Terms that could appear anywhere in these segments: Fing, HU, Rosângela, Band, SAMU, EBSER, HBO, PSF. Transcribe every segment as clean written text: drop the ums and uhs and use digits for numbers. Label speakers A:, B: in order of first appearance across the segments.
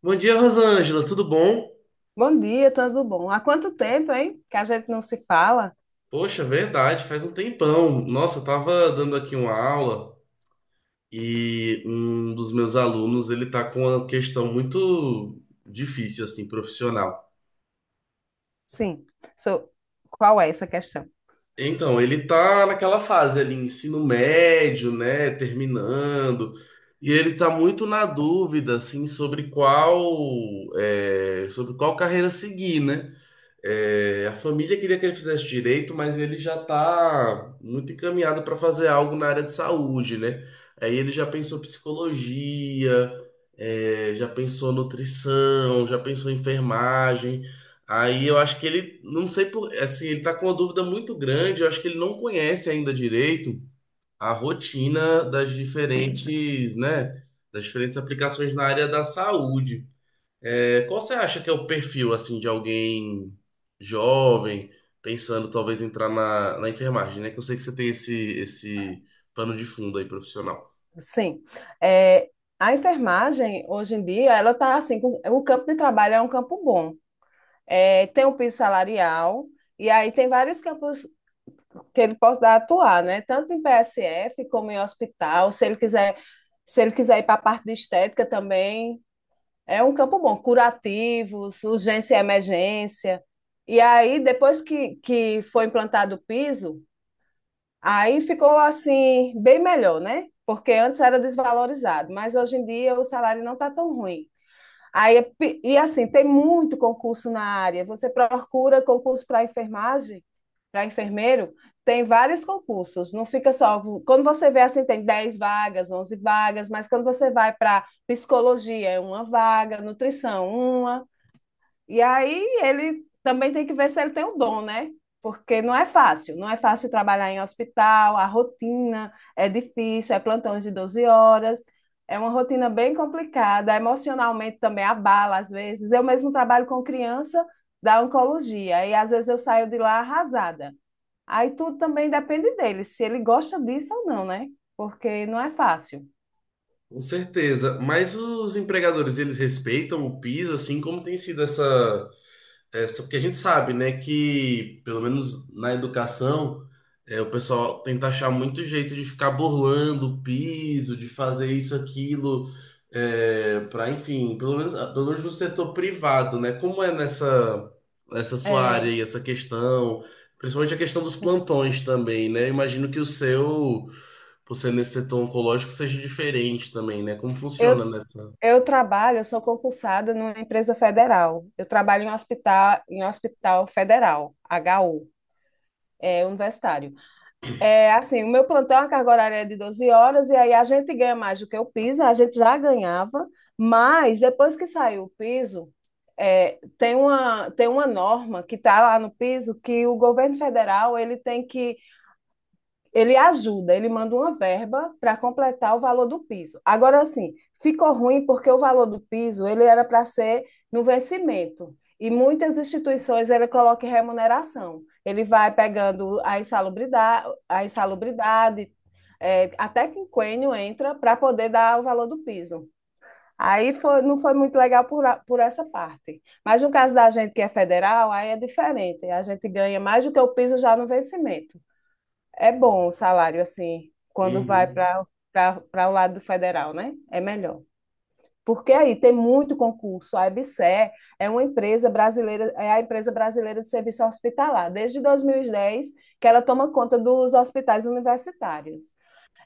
A: Bom dia, Rosângela, tudo bom?
B: Bom dia, tudo bom? Há quanto tempo, hein? Que a gente não se fala?
A: Poxa, verdade, faz um tempão. Nossa, eu tava dando aqui uma aula e um dos meus alunos, ele tá com uma questão muito difícil, assim, profissional.
B: Sim. So, qual é essa questão?
A: Então, ele tá naquela fase ali, ensino médio, né, terminando, e ele tá muito na dúvida, assim, sobre qual, sobre qual carreira seguir, né? É, a família queria que ele fizesse direito, mas ele já está muito encaminhado para fazer algo na área de saúde, né? Aí ele já pensou psicologia, já pensou nutrição, já pensou enfermagem. Aí eu acho que ele, não sei por, assim, ele está com uma dúvida muito grande. Eu acho que ele não conhece ainda direito a rotina das diferentes, né? Das diferentes aplicações na área da saúde. É, qual você acha que é o perfil assim de alguém jovem pensando talvez entrar na enfermagem, né? Que eu sei que você tem esse pano de fundo aí profissional.
B: Sim. É, a enfermagem, hoje em dia, ela está assim, o campo de trabalho é um campo bom. É, tem o piso salarial, e aí tem vários campos que ele pode atuar, né? Tanto em PSF como em hospital, se ele quiser ir para a parte de estética também. É um campo bom, curativos, urgência e emergência. E aí, depois que foi implantado o piso, aí ficou assim, bem melhor, né? Porque antes era desvalorizado, mas hoje em dia o salário não está tão ruim. Aí, e assim, tem muito concurso na área. Você procura concurso para enfermagem, para enfermeiro, tem vários concursos. Não fica só. Quando você vê assim, tem 10 vagas, 11 vagas, mas quando você vai para psicologia, é uma vaga, nutrição, uma, e aí ele também tem que ver se ele tem o dom, né? Porque não é fácil, não é fácil trabalhar em hospital, a rotina é difícil, é plantões de 12 horas, é uma rotina bem complicada, emocionalmente também abala às vezes. Eu mesmo trabalho com criança da oncologia e às vezes eu saio de lá arrasada. Aí tudo também depende dele, se ele gosta disso ou não, né? Porque não é fácil.
A: Com certeza, mas os empregadores eles respeitam o piso assim como tem sido essa. É, só porque a gente sabe, né, que pelo menos na educação, é, o pessoal tenta achar muito jeito de ficar burlando o piso, de fazer isso, aquilo, é, para, enfim, pelo menos, ah, pelo menos no setor privado, né? Como é nessa, nessa sua área
B: É,
A: e essa questão, principalmente a questão dos
B: sim.
A: plantões também, né? Imagino que o seu, por ser nesse setor oncológico, seja diferente também, né? Como
B: Eu
A: funciona nessa.
B: Eu trabalho, eu sou concursada numa empresa federal. Eu trabalho em hospital federal, HU, universitário. É assim, o meu plantão, a carga horária é de 12 horas, e aí a gente ganha mais do que o piso, a gente já ganhava, mas depois que saiu o piso, tem uma norma que está lá no piso que o governo federal ele tem que ele ajuda, ele manda uma verba para completar o valor do piso. Agora, assim, ficou ruim porque o valor do piso ele era para ser no vencimento. E muitas instituições ele coloca em remuneração. Ele vai pegando a insalubridade, até que o quinquênio entra para poder dar o valor do piso. Aí foi, não foi muito legal por essa parte. Mas no caso da gente que é federal, aí é diferente. A gente ganha mais do que o piso já no vencimento. É bom o salário, assim, quando vai
A: Uhum.
B: para o lado do federal, né? É melhor. Porque aí tem muito concurso. A EBSER é uma empresa brasileira, é a empresa brasileira de serviço hospitalar, desde 2010, que ela toma conta dos hospitais universitários.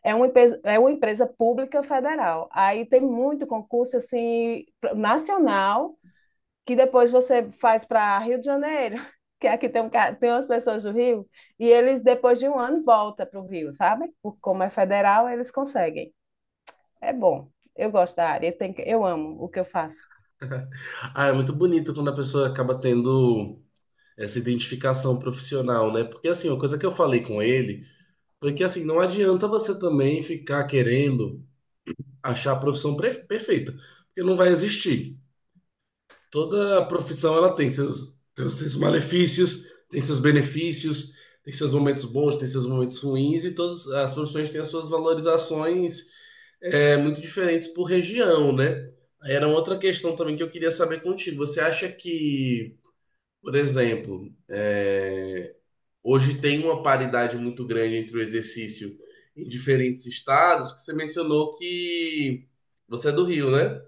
B: É uma empresa pública federal. Aí tem muito concurso assim nacional que depois você faz para Rio de Janeiro, que aqui tem umas pessoas do Rio, e eles, depois de um ano, voltam para o Rio, sabe? Como é federal, eles conseguem. É bom. Eu gosto da área, eu amo o que eu faço.
A: Ah, é muito bonito quando a pessoa acaba tendo. Essa identificação profissional, né? Porque assim, uma coisa que eu falei com ele foi que assim, não adianta você também ficar querendo achar a profissão perfeita, porque não vai existir. Toda profissão ela tem seus malefícios, tem seus benefícios, tem seus momentos bons, tem seus momentos ruins, e todas as profissões têm as suas valorizações muito diferentes por região, né? Era uma outra questão também que eu queria saber contigo. Você acha que, por exemplo, é, hoje tem uma paridade muito grande entre o exercício em diferentes estados, que você mencionou que você é do Rio, né?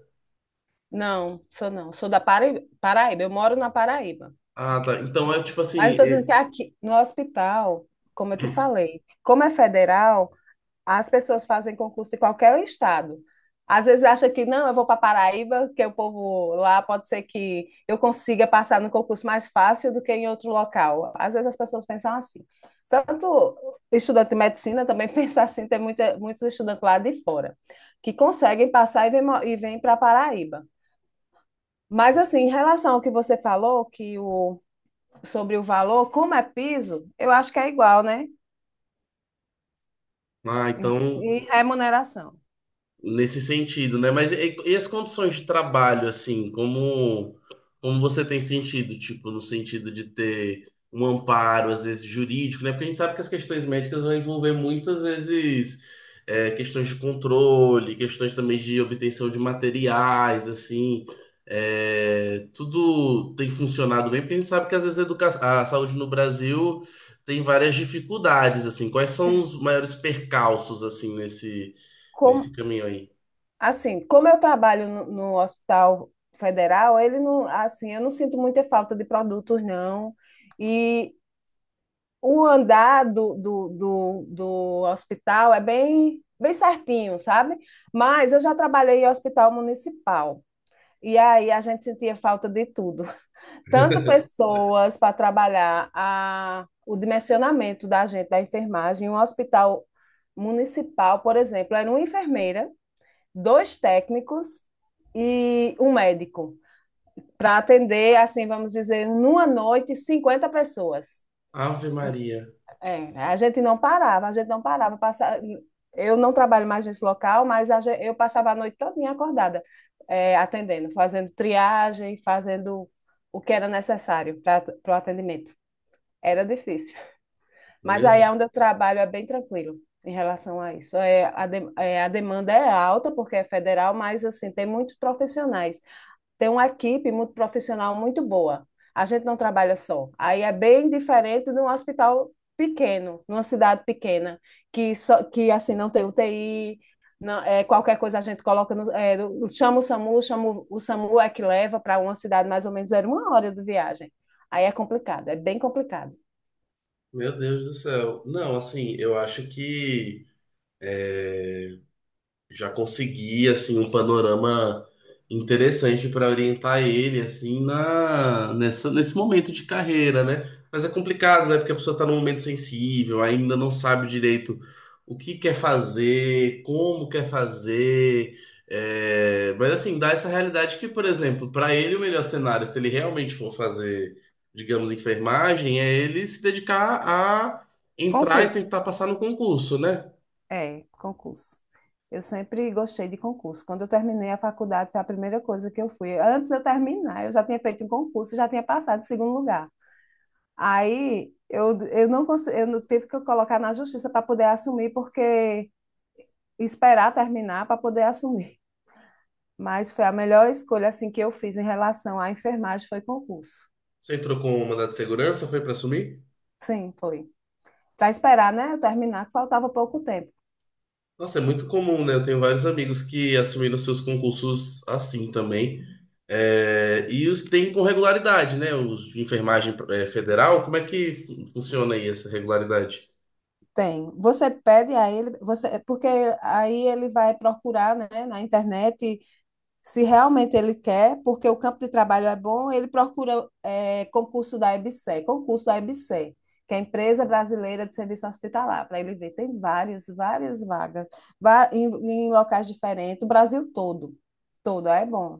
B: Não, sou não, sou da Paraíba, eu moro na Paraíba.
A: Ah, tá. Então é tipo
B: Mas eu
A: assim.
B: estou dizendo que aqui, no hospital, como eu te falei, como é federal, as pessoas fazem concurso em qualquer estado. Às vezes acha que não, eu vou para Paraíba, que o povo lá pode ser que eu consiga passar no concurso mais fácil do que em outro local. Às vezes as pessoas pensam assim. Tanto estudante de medicina também pensa assim, tem muitos estudantes lá de fora que conseguem passar e vêm e vem para Paraíba. Mas assim, em relação ao que você falou, sobre o valor, como é piso, eu acho que é igual, né?
A: Ah, então
B: E remuneração.
A: nesse sentido, né? Mas e as condições de trabalho, assim, como, como você tem sentido, tipo, no sentido de ter um amparo, às vezes, jurídico, né? Porque a gente sabe que as questões médicas vão envolver muitas vezes questões de controle, questões também de obtenção de materiais, assim. É, tudo tem funcionado bem, porque a gente sabe que às vezes a saúde no Brasil tem várias dificuldades, assim. Quais são os maiores percalços, assim, nesse,
B: Como,
A: nesse caminho aí?
B: Assim, como eu trabalho no Hospital Federal, ele não, assim, eu não sinto muita falta de produtos, não. E o andar do hospital é bem, bem certinho, sabe? Mas eu já trabalhei em hospital municipal. E aí a gente sentia falta de tudo. Tanto pessoas para trabalhar o dimensionamento da gente, da enfermagem. Um hospital municipal, por exemplo, era uma enfermeira, dois técnicos e um médico para atender, assim, vamos dizer, numa noite, 50 pessoas.
A: Ave Maria.
B: É, a gente não parava, a gente não parava. Passa. Eu não trabalho mais nesse local, mas eu passava a noite toda acordada, atendendo, fazendo triagem, fazendo o que era necessário para o atendimento. Era difícil. Mas aí
A: Meu,
B: é onde eu trabalho é bem tranquilo em relação a isso. A demanda é alta, porque é federal, mas assim, tem muitos profissionais, tem uma equipe muito profissional, muito boa. A gente não trabalha só. Aí é bem diferente de um hospital pequeno, numa cidade pequena, que só que assim não tem UTI, não, qualquer coisa a gente coloca no, é, chama o SAMU, chama o SAMU é que leva para uma cidade mais ou menos era uma hora de viagem. Aí é complicado, é bem complicado.
A: meu Deus do céu. Não, assim, eu acho que já consegui assim um panorama interessante para orientar ele assim na nessa, nesse momento de carreira, né? Mas é complicado, né? Porque a pessoa está num momento sensível, ainda não sabe direito o que quer fazer, como quer fazer. Mas assim, dá essa realidade que, por exemplo, para ele o melhor cenário, se ele realmente for fazer, digamos, enfermagem, é ele se dedicar a entrar e
B: Concurso.
A: tentar passar no concurso, né?
B: É, concurso. Eu sempre gostei de concurso. Quando eu terminei a faculdade, foi a primeira coisa que eu fui. Antes de eu terminar, eu já tinha feito um concurso, já tinha passado em segundo lugar. Aí eu não consegui, eu não- tive que colocar na justiça para poder assumir, porque esperar terminar para poder assumir. Mas foi a melhor escolha assim que eu fiz em relação à enfermagem, foi concurso.
A: Você entrou com o mandato de segurança, foi para assumir?
B: Sim, foi. Para esperar, né, eu terminar, que faltava pouco tempo.
A: Nossa, é muito comum, né? Eu tenho vários amigos que assumiram seus concursos assim também. É, e os tem com regularidade, né? Os de enfermagem é, federal, como é que funciona aí essa regularidade?
B: Tem. Você pede a ele, é porque aí ele vai procurar, né, na internet se realmente ele quer, porque o campo de trabalho é bom, ele procura concurso da EBSER, que é a Empresa Brasileira de Serviço Hospitalar, para ele ver. Tem várias vagas, em locais diferentes, o Brasil todo. Todo, é bom.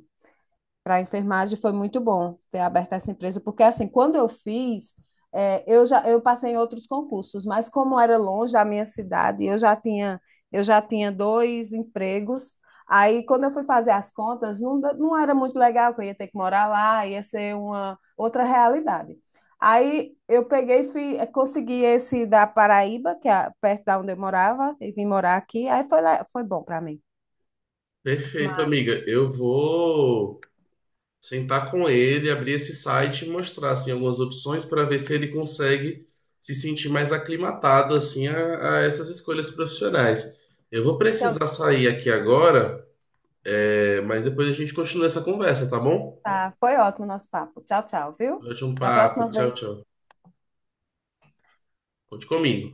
B: Para a enfermagem foi muito bom ter aberto essa empresa, porque assim, quando eu fiz, eu já eu passei em outros concursos, mas como era longe da minha cidade, eu já tinha dois empregos. Aí, quando eu fui fazer as contas, não, não era muito legal, que eu ia ter que morar lá, ia ser uma outra realidade. Aí, eu peguei, e fui, consegui esse da Paraíba, que é perto da onde eu morava, e vim morar aqui. Aí foi, foi bom para mim.
A: Perfeito,
B: Mas-
A: amiga. Eu vou sentar com ele, abrir esse site e mostrar assim, algumas opções para ver se ele consegue se sentir mais aclimatado assim a essas escolhas profissionais. Eu vou
B: Então,
A: precisar sair aqui agora. É, mas depois a gente continua essa conversa, tá bom?
B: tá, foi ótimo o nosso papo. Tchau, tchau, viu?
A: Ótimo
B: Da próxima
A: papo. Tchau,
B: vez.
A: tchau. Conte comigo.